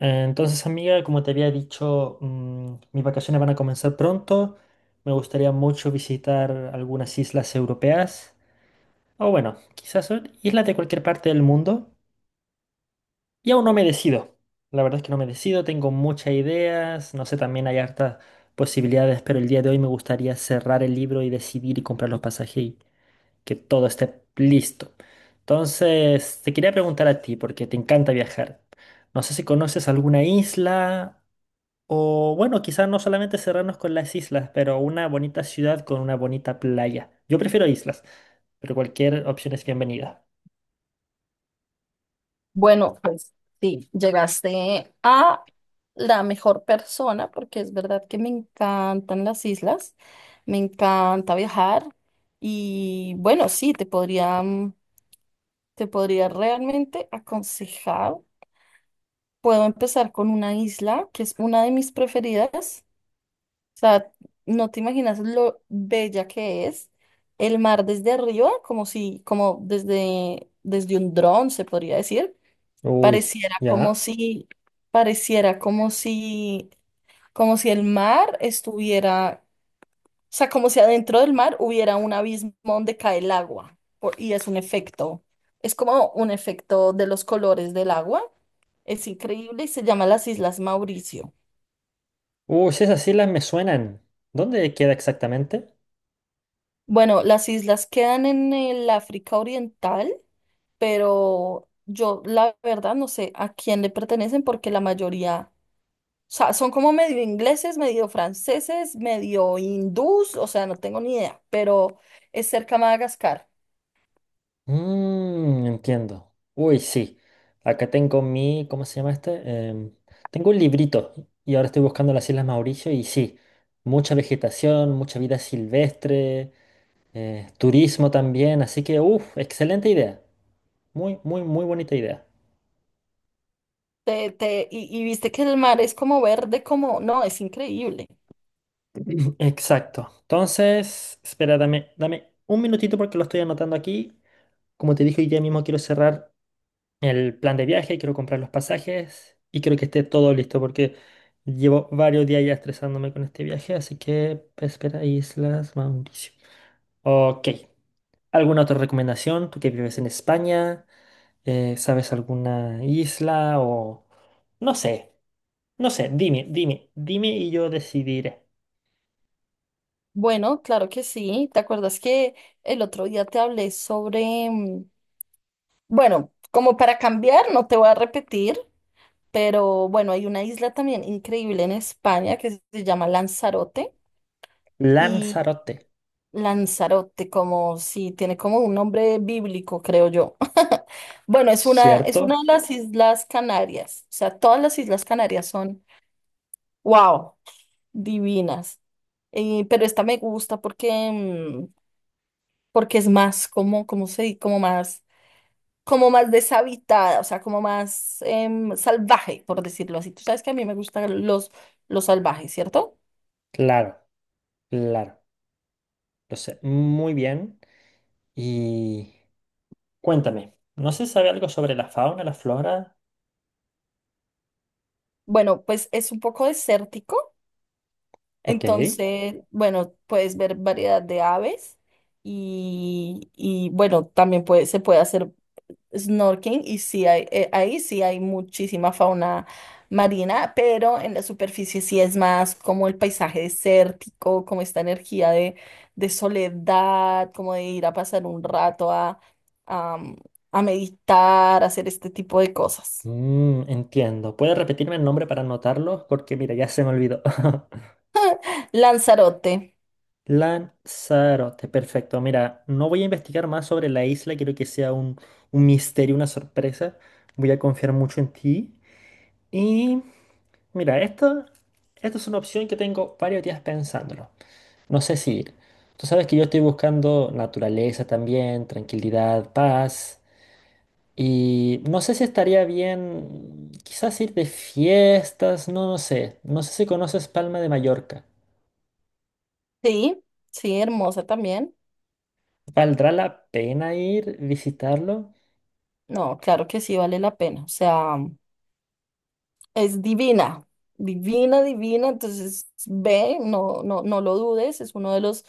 Entonces, amiga, como te había dicho, mis vacaciones van a comenzar pronto. Me gustaría mucho visitar algunas islas europeas, o bueno, quizás son islas de cualquier parte del mundo. Y aún no me decido. La verdad es que no me decido, tengo muchas ideas, no sé, también hay hartas posibilidades, pero el día de hoy me gustaría cerrar el libro y decidir y comprar los pasajes y que todo esté listo. Entonces, te quería preguntar a ti, porque te encanta viajar. No sé si conoces alguna isla o bueno, quizás no solamente cerrarnos con las islas, pero una bonita ciudad con una bonita playa. Yo prefiero islas, pero cualquier opción es bienvenida. Bueno, pues sí, llegaste a la mejor persona porque es verdad que me encantan las islas, me encanta viajar y bueno, sí, te podría, te podría realmente aconsejar. Puedo empezar con una isla que es una de mis preferidas. O sea, no te imaginas lo bella que es. El mar desde arriba, como si, como desde un dron, se podría decir. Uy, Pareciera como ya. si, pareciera como si el mar estuviera, o sea, como si adentro del mar hubiera un abismo donde cae el agua, y es un efecto, es como un efecto de los colores del agua, es increíble y se llama las Islas Mauricio. Uy, si esas islas me suenan. ¿Dónde queda exactamente? Bueno, las islas quedan en el África Oriental, pero yo la verdad no sé a quién le pertenecen porque la mayoría. O sea, son como medio ingleses, medio franceses, medio hindús, o sea, no tengo ni idea, pero es cerca a Madagascar. Mmm, entiendo. Uy, sí. Acá tengo mi, ¿cómo se llama este? Tengo un librito y ahora estoy buscando las Islas Mauricio y sí, mucha vegetación, mucha vida silvestre, turismo también, así que, uff, excelente idea. Muy, muy, muy bonita idea. Y viste que el mar es como verde, como, no, es increíble. Exacto. Entonces, espera, dame un minutito porque lo estoy anotando aquí. Como te dije, hoy día mismo quiero cerrar el plan de viaje, quiero comprar los pasajes y quiero que esté todo listo porque llevo varios días ya estresándome con este viaje, así que espera, Islas Mauricio. Ok. ¿Alguna otra recomendación? Tú que vives en España, ¿sabes alguna isla o...? No sé, no sé, dime, dime, dime y yo decidiré. Bueno, claro que sí. ¿Te acuerdas que el otro día te hablé sobre, bueno, como para cambiar, no te voy a repetir, pero bueno, hay una isla también increíble en España que se llama Lanzarote. Y Lanzarote, Lanzarote, como si tiene como un nombre bíblico, creo yo. Bueno, es una ¿cierto? de las Islas Canarias. O sea, todas las Islas Canarias son, wow, divinas. Pero esta me gusta porque, porque es más como, como más deshabitada, o sea, como más salvaje, por decirlo así. Tú sabes que a mí me gustan los salvajes, ¿cierto? Claro, claro, lo sé muy bien. Y cuéntame, ¿no se sabe algo sobre la fauna, la flora? Bueno, pues es un poco desértico. Ok. Entonces, bueno, puedes ver variedad de aves bueno, también se puede hacer snorkeling y sí hay, ahí sí hay muchísima fauna marina, pero en la superficie sí es más como el paisaje desértico, como esta energía de soledad, como de ir a pasar un rato a, a meditar, a hacer este tipo de cosas. Mm, entiendo. ¿Puedes repetirme el nombre para anotarlo? Porque mira, ya se me olvidó. Lanzarote, Lanzarote, perfecto. Mira, no voy a investigar más sobre la isla, quiero que sea un misterio, una sorpresa. Voy a confiar mucho en ti. Y mira, esto es una opción que tengo varios días pensándolo. No sé si ir. Tú sabes que yo estoy buscando naturaleza también, tranquilidad, paz. Y no sé si estaría bien quizás ir de fiestas, no, no sé. No sé si conoces Palma de Mallorca. sí, sí, hermosa también. ¿Valdrá la pena ir, visitarlo? No, claro que sí vale la pena. O sea, es divina, divina, divina. Entonces, ve, no, no, no lo dudes. Es uno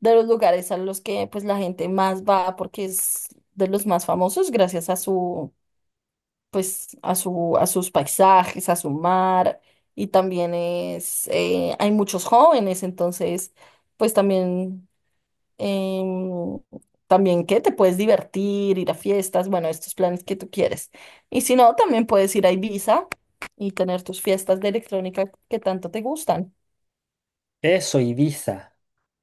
de los lugares a los que pues la gente más va porque es de los más famosos gracias a su, pues, a su, a sus paisajes, a su mar. Y también es, hay muchos jóvenes, entonces, pues también em, también que te puedes divertir, ir a fiestas, bueno, estos planes que tú quieres. Y si no, también puedes ir a Ibiza y tener tus fiestas de electrónica que tanto te gustan. Eso, Ibiza.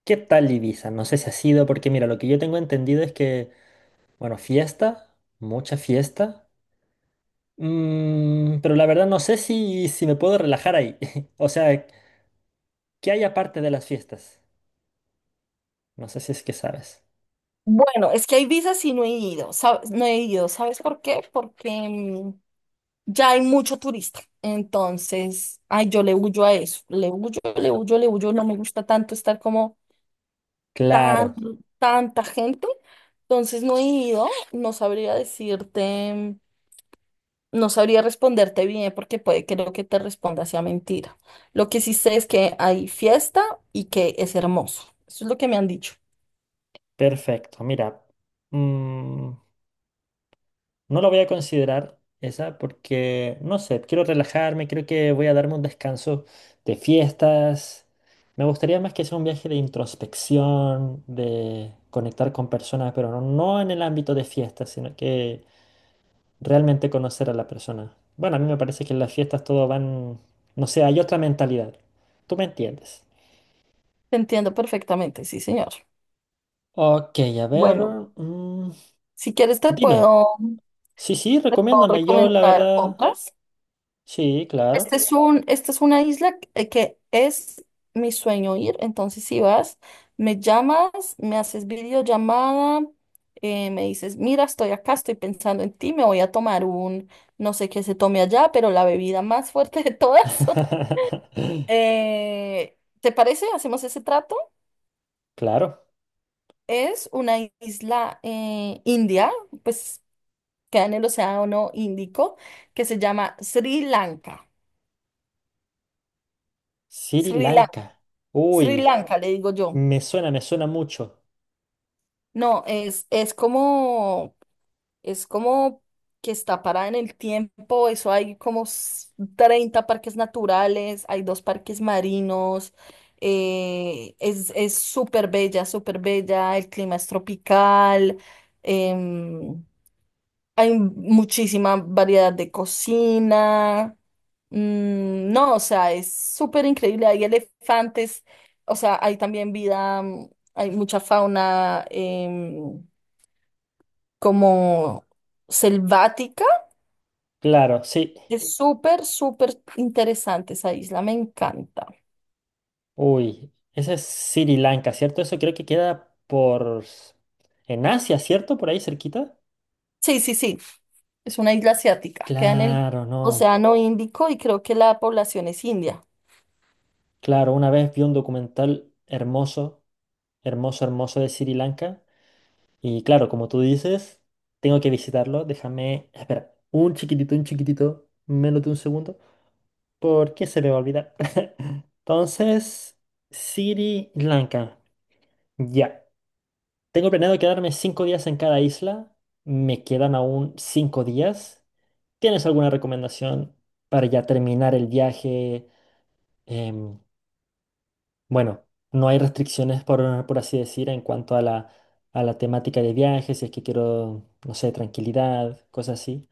¿Qué tal Ibiza? No sé si ha sido, porque mira, lo que yo tengo entendido es que, bueno, fiesta, mucha fiesta. Pero la verdad no sé si, si me puedo relajar ahí. O sea, ¿qué hay aparte de las fiestas? No sé si es que sabes. Bueno, es que a Ibiza sí no he ido, ¿sabes? No he ido, ¿sabes por qué? Porque ya hay mucho turista. Entonces, ay, yo le huyo a eso, le huyo, le huyo, le huyo, no me gusta tanto estar como tan, Claro, tanta gente. Entonces, no he ido, no sabría decirte. No sabría responderte bien porque puede, creo que te responda sea mentira. Lo que sí sé es que hay fiesta y que es hermoso. Eso es lo que me han dicho. perfecto. Mira, mm, no lo voy a considerar esa porque, no sé, quiero relajarme, creo que voy a darme un descanso de fiestas. Me gustaría más que sea un viaje de introspección, de conectar con personas, pero no, no en el ámbito de fiestas, sino que realmente conocer a la persona. Bueno, a mí me parece que en las fiestas todo van, no sé, hay otra mentalidad. ¿Tú me entiendes? Te entiendo perfectamente, sí, señor. Ok, a ver, Bueno, mm, si quieres dime. Sí, sí, te puedo recomiéndame. Yo, la recomendar verdad, otras. sí, claro. Esta es una isla que es mi sueño ir, entonces si vas, me llamas, me haces videollamada, me dices, mira, estoy acá, estoy pensando en ti, me voy a tomar un, no sé qué se tome allá, pero la bebida más fuerte de todas. ¿Te parece? ¿Hacemos ese trato? Claro. Es una isla india, pues queda en el Océano Índico, que se llama Sri Lanka. Sri Sri Lanka, Lanka. Sri Uy, Lanka, le digo yo. Me suena mucho. No, es como que está parada en el tiempo, eso hay 30 parques naturales, hay 2 parques marinos, es súper bella, el clima es tropical, em, hay muchísima variedad de cocina, no, o sea, es súper increíble, hay elefantes, o sea, hay también vida, hay mucha fauna. Como selvática. Claro, sí. Es súper, súper interesante esa isla, me encanta. Uy, esa es Sri Lanka, ¿cierto? Eso creo que queda por... en Asia, ¿cierto? Por ahí cerquita. Sí, sí, sí, es una isla asiática, queda en el Claro, no. Océano Índico y creo que la población es india. Claro, una vez vi un documental hermoso, hermoso, hermoso de Sri Lanka. Y claro, como tú dices, tengo que visitarlo. Déjame, espera, un chiquitito, menos de un segundo, porque se me va a olvidar. Entonces, Sri Lanka. Ya. Tengo planeado quedarme 5 días en cada isla. Me quedan aún 5 días. ¿Tienes alguna recomendación para ya terminar el viaje? Em, bueno, no hay restricciones, por así decir, en cuanto a la temática de viaje, si es que quiero, no sé, tranquilidad, cosas así.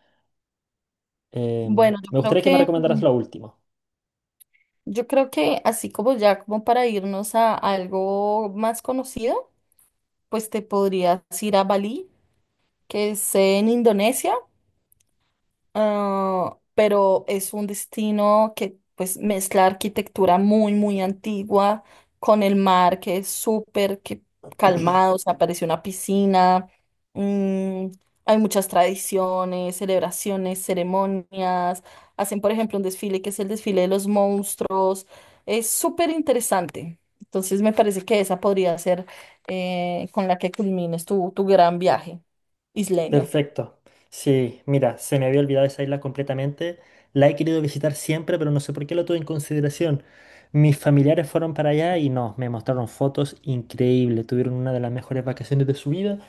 Bueno, Me gustaría que me recomendaras lo último. yo creo que así como ya, como para irnos a algo más conocido, pues te podrías ir a Bali, que es en Indonesia. Ah, pero es un destino que pues mezcla arquitectura muy, muy antigua con el mar que es súper que calmado, se aparece una piscina, mm, hay muchas tradiciones, celebraciones, ceremonias, hacen por ejemplo un desfile que es el desfile de los monstruos, es súper interesante. Entonces me parece que esa podría ser con la que culmines tu, tu gran viaje isleño. Perfecto. Sí, mira, se me había olvidado esa isla completamente. La he querido visitar siempre, pero no sé por qué lo tuve en consideración. Mis familiares fueron para allá y no, me mostraron fotos increíbles. Tuvieron una de las mejores vacaciones de su vida.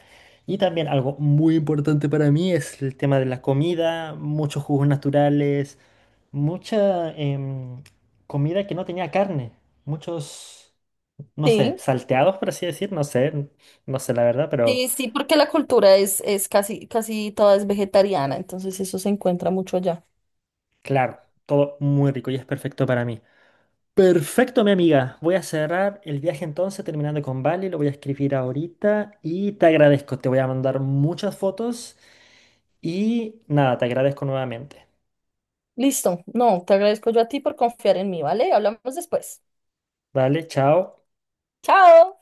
Y también algo muy importante para mí es el tema de la comida, muchos jugos naturales, mucha comida que no tenía carne, muchos... no sé, Sí. salteados, por así decir, no sé, no sé la verdad, pero Sí, sí, porque la cultura es casi, casi toda es vegetariana, entonces eso se encuentra mucho allá. claro, todo muy rico y es perfecto para mí. Perfecto, mi amiga. Voy a cerrar el viaje entonces, terminando con Bali, lo voy a escribir ahorita y te agradezco. Te voy a mandar muchas fotos y nada, te agradezco nuevamente. Listo, no, te agradezco yo a ti por confiar en mí, ¿vale? Hablamos después. Vale, chao. Chao.